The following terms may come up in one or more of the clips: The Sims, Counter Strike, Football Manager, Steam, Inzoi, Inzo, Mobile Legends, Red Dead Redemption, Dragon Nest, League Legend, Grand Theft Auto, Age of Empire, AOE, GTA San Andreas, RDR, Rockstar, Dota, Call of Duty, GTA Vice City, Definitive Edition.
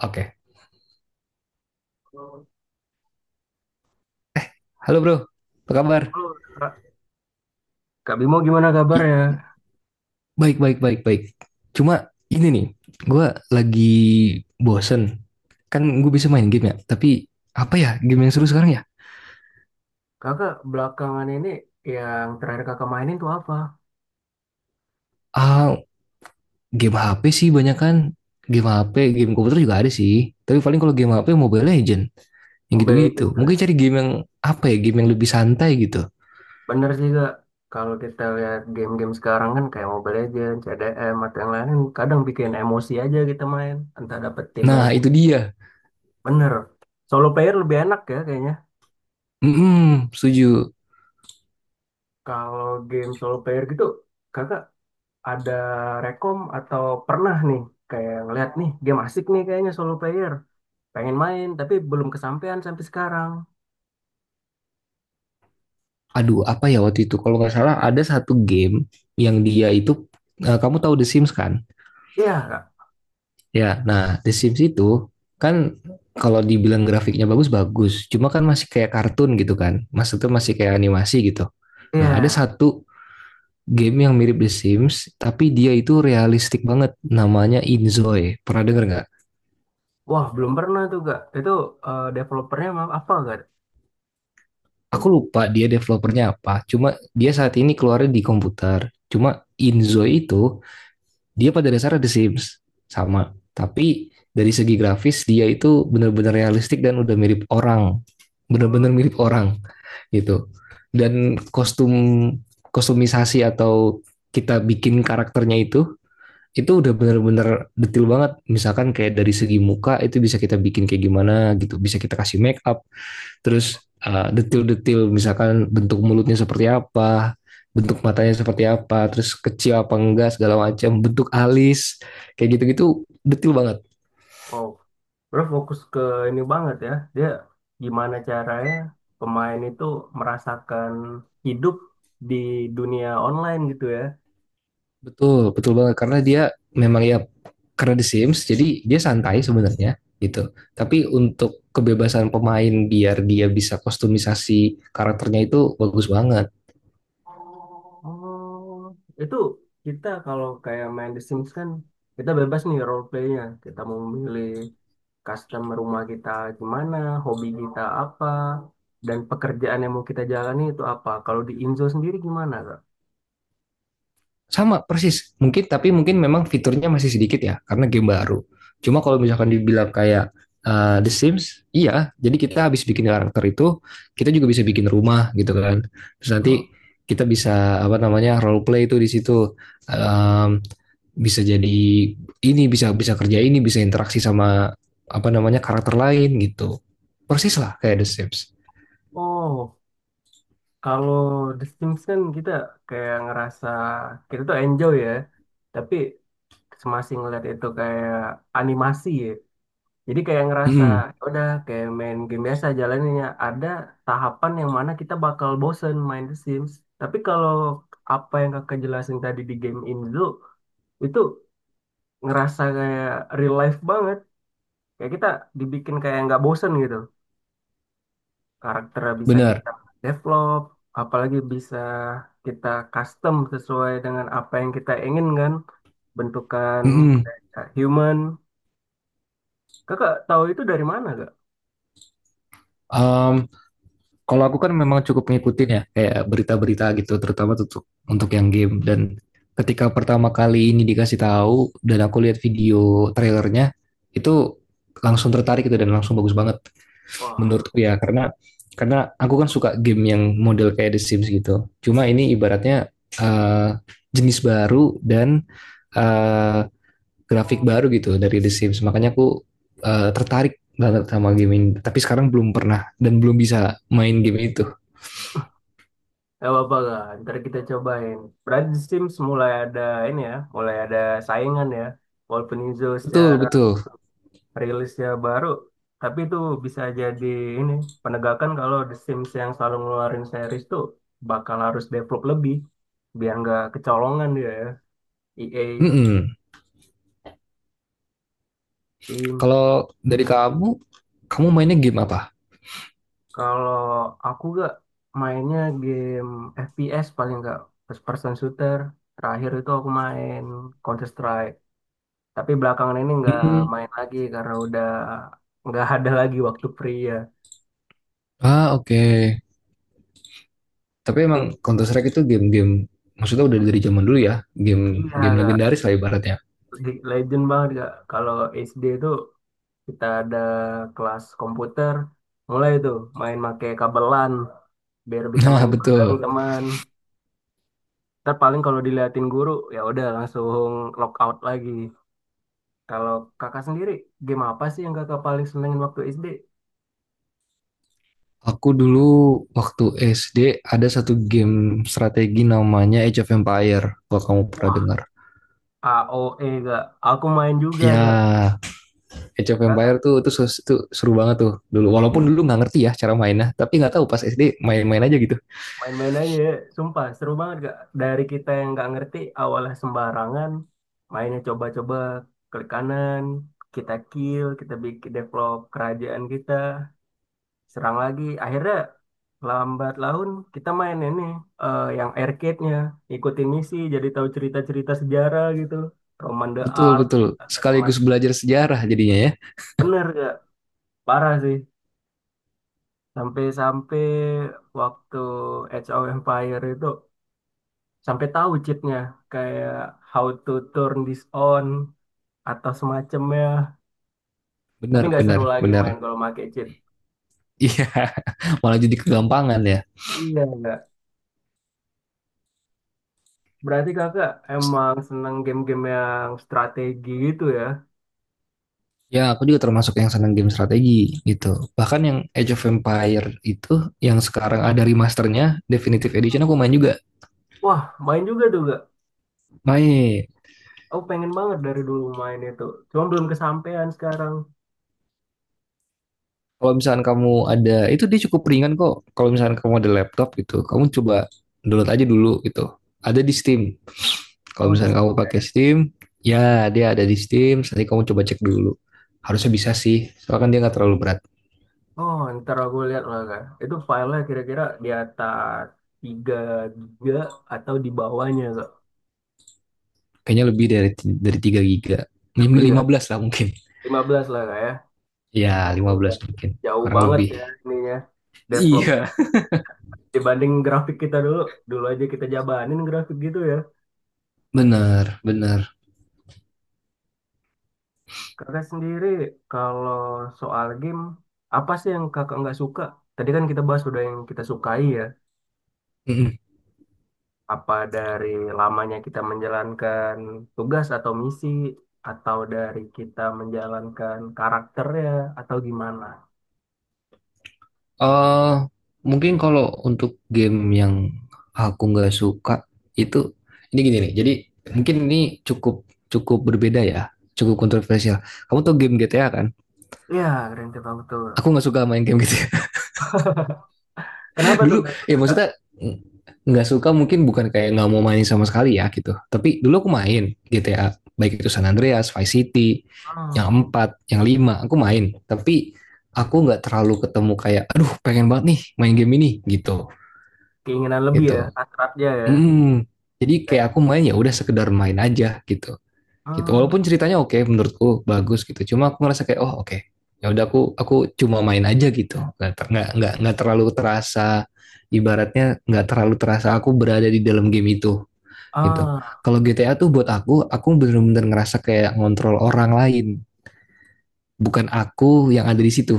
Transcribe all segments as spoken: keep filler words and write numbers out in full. Oke, Halo, halo bro, apa kabar? Kak Kak Bimo gimana I- kabarnya? baik, baik, baik, baik. Cuma ini nih, gue lagi bosen. Kan gue bisa main game ya, tapi apa ya game yang seru sekarang ya? Kakak belakangan ini yang terakhir kakak mainin tuh apa? Ah, game H P sih banyak kan. Game H P, game komputer juga ada sih. Tapi paling kalau game H P Mobile Legend, yang Mobile gitu-gitu. Legends Mungkin kali. cari game yang apa ya, game yang lebih santai gitu. Bener sih kak, kalau kita lihat game-game sekarang kan kayak Mobile Legends, C D M, atau yang lain kadang bikin emosi aja kita main. Entah dapet tim yang Nah, kuat. itu dia. Bener. Solo player lebih enak ya kayaknya. Mm-mm, setuju. Kalau game solo player gitu, kakak ada rekom atau pernah nih kayak ngeliat nih game asik nih kayaknya solo player. Pengen main tapi belum kesampaian sampai sekarang. Aduh, apa ya waktu itu? Kalau nggak salah ada satu game yang dia itu, eh, kamu tahu The Sims kan? Iya, Ya, nah The Sims itu kan kalau dibilang grafiknya bagus-bagus, cuma kan masih kayak kartun gitu kan. Maksudnya masih kayak animasi gitu. Nah, ada iya. satu game yang mirip The Sims, tapi dia itu realistik banget. Namanya Inzoi. Pernah denger nggak? Wah, belum pernah tuh, Kak. Itu eh, developernya maaf apa, Kak? Aku lupa dia developernya apa. Cuma dia saat ini keluarnya di komputer. Cuma Inzoi itu dia pada dasarnya The Sims sama, tapi dari segi grafis dia itu benar-benar realistik dan udah mirip orang, Hmm. benar-benar mirip orang gitu. Dan kostum kostumisasi atau kita bikin karakternya itu itu udah benar-benar detail banget. Misalkan kayak dari segi muka itu bisa kita bikin kayak gimana gitu, bisa kita kasih make up, terus uh, detil-detil misalkan bentuk mulutnya seperti apa, bentuk matanya seperti apa, terus kecil apa enggak segala macam, bentuk alis kayak gitu-gitu detil banget. Wow. Bro fokus ke ini banget ya. Dia gimana caranya pemain itu merasakan hidup di dunia online gitu ya. Betul, betul banget karena dia memang ya, karena The Sims jadi dia santai sebenarnya gitu. Tapi untuk kebebasan pemain biar dia bisa kostumisasi karakternya itu bagus banget. Oh, itu kita kalau kayak main The Sims kan kita bebas nih role playnya. Kita mau memilih custom rumah kita gimana, hobi kita apa, dan pekerjaan yang mau kita jalani itu apa. Kalau di Inzo sendiri gimana, Kak? Sama persis. Mungkin tapi mungkin memang fiturnya masih sedikit ya karena game baru. Cuma kalau misalkan dibilang kayak uh, The Sims, iya. Jadi kita habis bikin karakter itu, kita juga bisa bikin rumah gitu kan. Terus nanti Hah? kita bisa apa namanya role play itu di situ, um, bisa jadi ini, bisa bisa kerja, ini bisa interaksi sama apa namanya karakter lain gitu, persis lah kayak The Sims. Oh, kalau The Sims kan kita kayak ngerasa kita tuh enjoy ya, tapi masih ngeliat itu kayak animasi ya. Jadi kayak ngerasa mm ya udah kayak main game biasa jalannya ada tahapan yang mana kita bakal bosen main The Sims. Tapi kalau apa yang kakak jelasin tadi di game Inzo itu ngerasa kayak real life banget. Kayak kita dibikin kayak nggak bosen gitu. Karakternya bisa benar kita develop, apalagi bisa kita custom sesuai dengan apa yang kita inginkan. Bentukan mm kayak human. Kakak tahu itu dari mana gak? um, Kalau aku kan memang cukup ngikutin ya, kayak berita-berita gitu, terutama untuk untuk yang game. Dan ketika pertama kali ini dikasih tahu dan aku lihat video trailernya, itu langsung tertarik gitu dan langsung bagus banget Wah, menurutku ya, karena karena aku kan suka game yang model kayak The Sims gitu. Cuma ini ibaratnya eh, jenis baru dan eh, grafik baru gitu dari The Sims. Makanya aku eh, tertarik banget sama game ini. Tapi sekarang belum pernah dan belum bisa main game itu. gak apa-apa gak? Ntar kita cobain. Berarti Sims mulai ada ini ya, mulai ada saingan ya. Walaupun Izo Betul, secara betul. rilisnya baru tapi itu bisa jadi ini penegakan kalau The Sims yang selalu ngeluarin series tuh bakal harus develop lebih biar nggak kecolongan dia ya E A Mm-mm. Steam. Kalau dari kamu, kamu mainnya game apa? Kalau aku gak mainnya game F P S paling nggak first person shooter terakhir itu aku main Counter Strike tapi belakangan ini nggak Hmm. main lagi karena udah nggak ada lagi waktu free ya. Ah, oke. Tapi Itu. emang Counter Strike itu game-game, maksudnya udah dari zaman dulu ya, game Iya, game Kak. legendaris lah ibaratnya. League Legend banget kak. Kalau S D itu kita ada kelas komputer, mulai tuh main make kabelan biar bisa Nah, main bareng betul. teman. Ntar paling kalau diliatin guru ya udah langsung lockout lagi. Kalau kakak sendiri game apa sih yang kakak paling senengin waktu S D? Aku dulu waktu S D ada satu game strategi namanya Age of Empire, kalau kamu pernah Wah, dengar. A O E kak. Aku main juga kak. Ya, Age of Empire Kakak tuh itu seru banget tuh dulu. Walaupun dulu nggak ngerti ya cara mainnya, tapi nggak tahu pas S D main-main aja gitu. Main-main aja ya. Sumpah, seru banget gak? Dari kita yang nggak ngerti, awalnya sembarangan, mainnya coba-coba, klik kanan, kita kill, kita bikin develop kerajaan kita, serang lagi. Akhirnya lambat laun kita main ini eh, yang arcade-nya, ikutin misi, jadi tahu cerita-cerita sejarah gitu, Roman the Betul, Art betul. atau Sekaligus semacam. belajar sejarah jadinya ya. Bener gak? Parah sih. Sampai-sampai waktu Age of Empire itu sampai tahu cheatnya kayak how to turn this on atau semacamnya tapi Benar, nggak seru benar, lagi benar. main kalau pakai cheat. Iya, malah jadi kegampangan ya. Iya nggak, berarti kakak Terus, emang seneng game-game yang strategi gitu ya. ya, aku juga termasuk yang senang game strategi gitu. Bahkan yang Age of Empire itu, yang sekarang ada remasternya, Definitive Edition aku main juga. Wah main juga tuh gak, Main. aku pengen banget dari dulu main itu cuma belum kesampaian sekarang. Kalau misalkan kamu ada itu dia cukup ringan kok. Kalau misalkan kamu ada laptop gitu, kamu coba download aja dulu gitu. Ada di Steam. Kalau Oh di misalkan Steam kamu nggak pakai ya. Steam, ya dia ada di Steam. Nanti kamu coba cek dulu. Harusnya bisa sih. Soalnya kan dia nggak terlalu berat. Oh ntar aku lihat lah kak itu filenya kira-kira di atas tiga giga atau di bawahnya kak. Kayaknya lebih dari dari tiga giga. Lebih lima kak? belas lah mungkin. Lima belas lah kak ya. Ya, Aku lima udah belas mungkin. jauh Kurang banget lebih. ya ininya developnya Iya, dibanding grafik kita dulu. Dulu aja kita jabanin grafik gitu ya. benar, benar. Kakak sendiri kalau soal game apa sih yang kakak nggak suka, tadi kan kita bahas udah yang kita sukai ya, apa dari lamanya kita menjalankan tugas atau misi atau dari kita menjalankan karakternya atau gimana. eh Mungkin kalau untuk game yang aku nggak suka itu ini gini nih. Jadi mungkin ini cukup cukup berbeda ya, cukup kontroversial. Kamu tau game G T A kan? Ya, Grand Theft Auto. Aku nggak suka main game G T A. Kenapa tuh Dulu nggak suka, ya kakak? maksudnya mm, nggak suka mungkin bukan kayak nggak mau main sama sekali ya gitu. Tapi dulu aku main G T A baik itu San Andreas, Vice City, yang Hmm, empat, yang lima aku main. Tapi aku nggak terlalu ketemu kayak, aduh pengen banget nih main game ini gitu keinginan lebih ya gitu. hasratnya ya. mm Jadi kayak Kayak, aku main ya udah sekedar main aja gitu. Gitu. hmm, Walaupun ceritanya oke menurutku bagus gitu. Cuma aku ngerasa kayak oh oke. Ya udah aku aku cuma main aja gitu. Nggak ter- nggak nggak nggak terlalu terasa ibaratnya nggak terlalu terasa aku berada di dalam game itu gitu. ah, Kalau G T A tuh buat aku aku bener-bener ngerasa kayak ngontrol orang lain, bukan aku yang ada di situ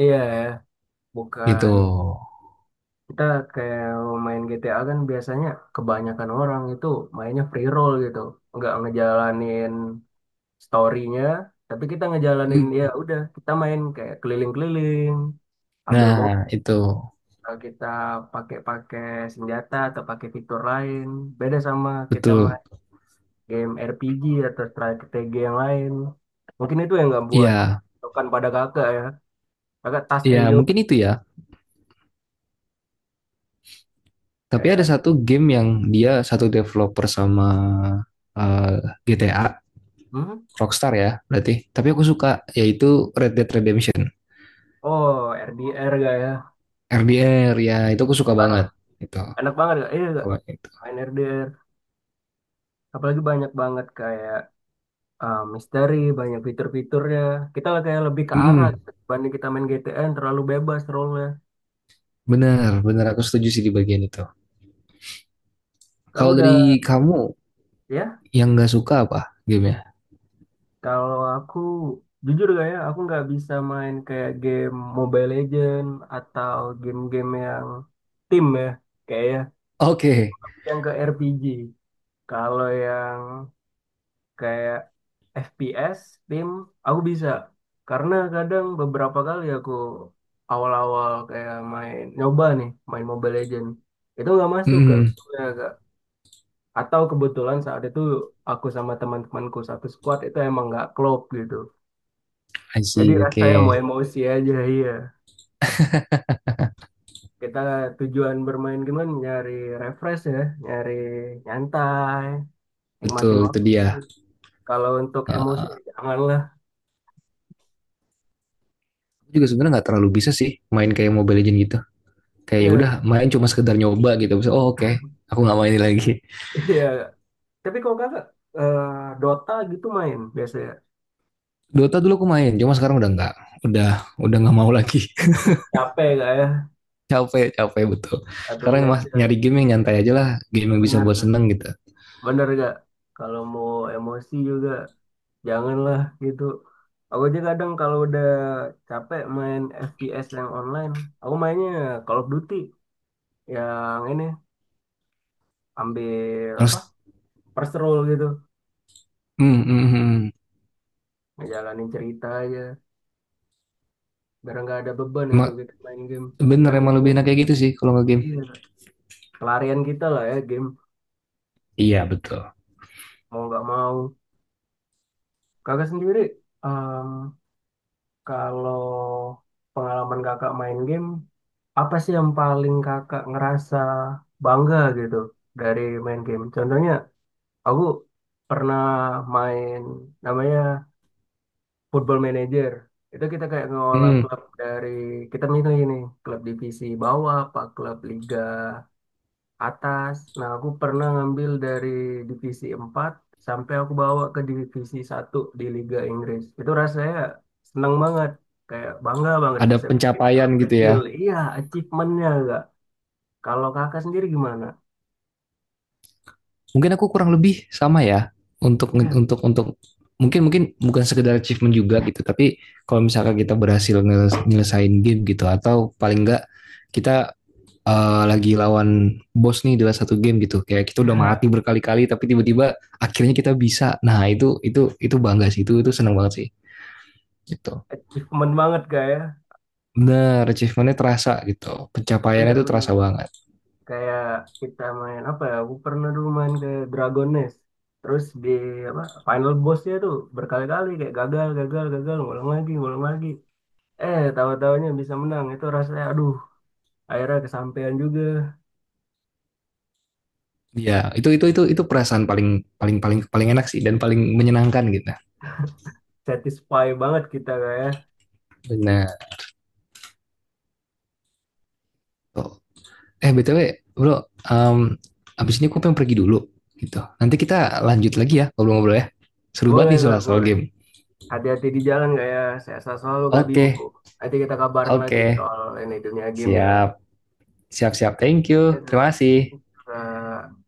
iya ya, gitu. bukan kita kayak main G T A kan biasanya kebanyakan orang itu mainnya free roll gitu, nggak ngejalanin story-nya, tapi kita ngejalanin Hmm. ya udah kita main kayak keliling-keliling, ambil Nah, mobil, itu kita pakai-pakai senjata atau pakai fitur lain, beda sama kita betul. main game R P G atau strategi yang lain. Mungkin itu yang nggak buat Iya, bukan pada kakak ya, kakak tas iya and joke mungkin itu ya. Tapi ada kayak satu game yang dia satu developer sama eh, G T A, hmm? Rockstar ya berarti. Tapi aku suka yaitu Red Dead Redemption. Oh, R D R gak ya? R D R ya itu aku suka Parah. banget itu Enak banget gak? Iya gak? kalau itu. Main R D R. Apalagi banyak banget kayak eh, misteri, banyak fitur-fiturnya. Kita lah kayak lebih ke arah Mm, gitu. Dibanding kita main G T N, terlalu bebas role-nya. Bener bener aku setuju sih di bagian itu. Kalau Aku udah, dari kamu ya, yang nggak suka apa gamenya? kalau aku jujur gak ya, aku nggak bisa main kayak game Mobile Legend atau game-game yang tim ya. Kayak ya, Oke. yang ke R P G. Kalau yang kayak F P S tim aku bisa karena kadang beberapa kali aku awal-awal kayak main nyoba nih main Mobile Legend itu nggak masuk ke Mm, ya, Kak. Atau kebetulan saat itu aku sama teman-temanku satu squad itu emang nggak klop gitu I jadi see. rasanya Oke, mau emosi aja iya kita tujuan bermain game kan nyari refresh ya nyari nyantai nikmatin betul itu waktu dia. kalau untuk emosi Eh, janganlah. aku juga sebenarnya nggak terlalu bisa sih main kayak Mobile Legends gitu. Kayak ya udah Iya, main cuma sekedar nyoba gitu. Bisa, oh oke, aku nggak mainin lagi. iya. Tapi kalau kakak eh, Dota gitu main biasanya. Dota dulu aku main, cuma sekarang udah nggak, udah udah nggak mau lagi. Capek gak ya? Capek, capek betul. Satu Sekarang match mas ya. nyari game yang nyantai aja lah, game yang bisa buat Bener. seneng gitu. Bener gak? Kalau mau emosi juga janganlah gitu. Aku aja kadang kalau udah capek main F P S yang online, aku mainnya Call of Duty yang ini ambil apa? Yang First roll gitu. hmm, hmm, hmm. Hmm. Ngejalanin cerita aja biar nggak ada beban gitu Emang kita main game. bener Kan emang game lebih kan enak kayak gitu sih kalau nggak game. iya, pelarian kita lah ya game Iya betul. mau nggak mau. Kakak sendiri kalau pengalaman kakak main game, apa sih yang paling kakak ngerasa bangga gitu dari main game? Contohnya, aku pernah main namanya Football Manager. Itu kita kayak ngelola Hmm, klub dari, kita milih ini, klub divisi bawah, apa klub liga atas. Nah, aku pernah ngambil dari divisi empat sampai aku bawa ke divisi satu di Liga Inggris. Itu rasanya seneng banget. Kayak bangga banget ada bisa bikin pencapaian klub gitu ya. kecil. Iya, achievementnya enggak. Kalau kakak sendiri gimana? Mungkin aku kurang lebih sama ya untuk Ya, untuk untuk mungkin mungkin bukan sekedar achievement juga gitu, tapi kalau misalkan kita berhasil ngeles- nyelesain game gitu atau paling enggak kita eh, lagi lawan bos nih dalam satu game gitu. Kayak kita udah ya, mati berkali-kali tapi tiba-tiba akhirnya kita bisa. Nah, itu itu itu bangga sih, itu itu seneng banget sih gitu. achievement banget kak ya. Bener, achievementnya terasa gitu. Pencapaiannya itu Bener-bener. terasa banget. Kayak kita main apa ya, aku pernah dulu main ke Dragon Nest. Terus di apa, final bossnya tuh berkali-kali kayak gagal, gagal, gagal, ngulang lagi, ngulang lagi. Eh, tahu-tahunya bisa menang. Itu rasanya, aduh, akhirnya kesampaian juga. Ya itu itu itu itu perasaan paling paling paling paling enak sih dan paling menyenangkan gitu. Satisfy banget kita, Kak ya. Nah, tuh. Eh, B T W, Bro, em abis ini aku pengen pergi dulu gitu. Nanti kita lanjut lagi ya ngobrol-ngobrol ya. Seru banget Boleh, nih Kak, soal soal boleh. game. Hati-hati di jalan, Kak ya. Sehat selalu, Kak Bimo. Oke, Nanti kita kabarin lagi oke. soal ini dunia game ya. Siap. Siap-siap. Thank Ya, you. Kak. Terima Oke, kasih. Kak.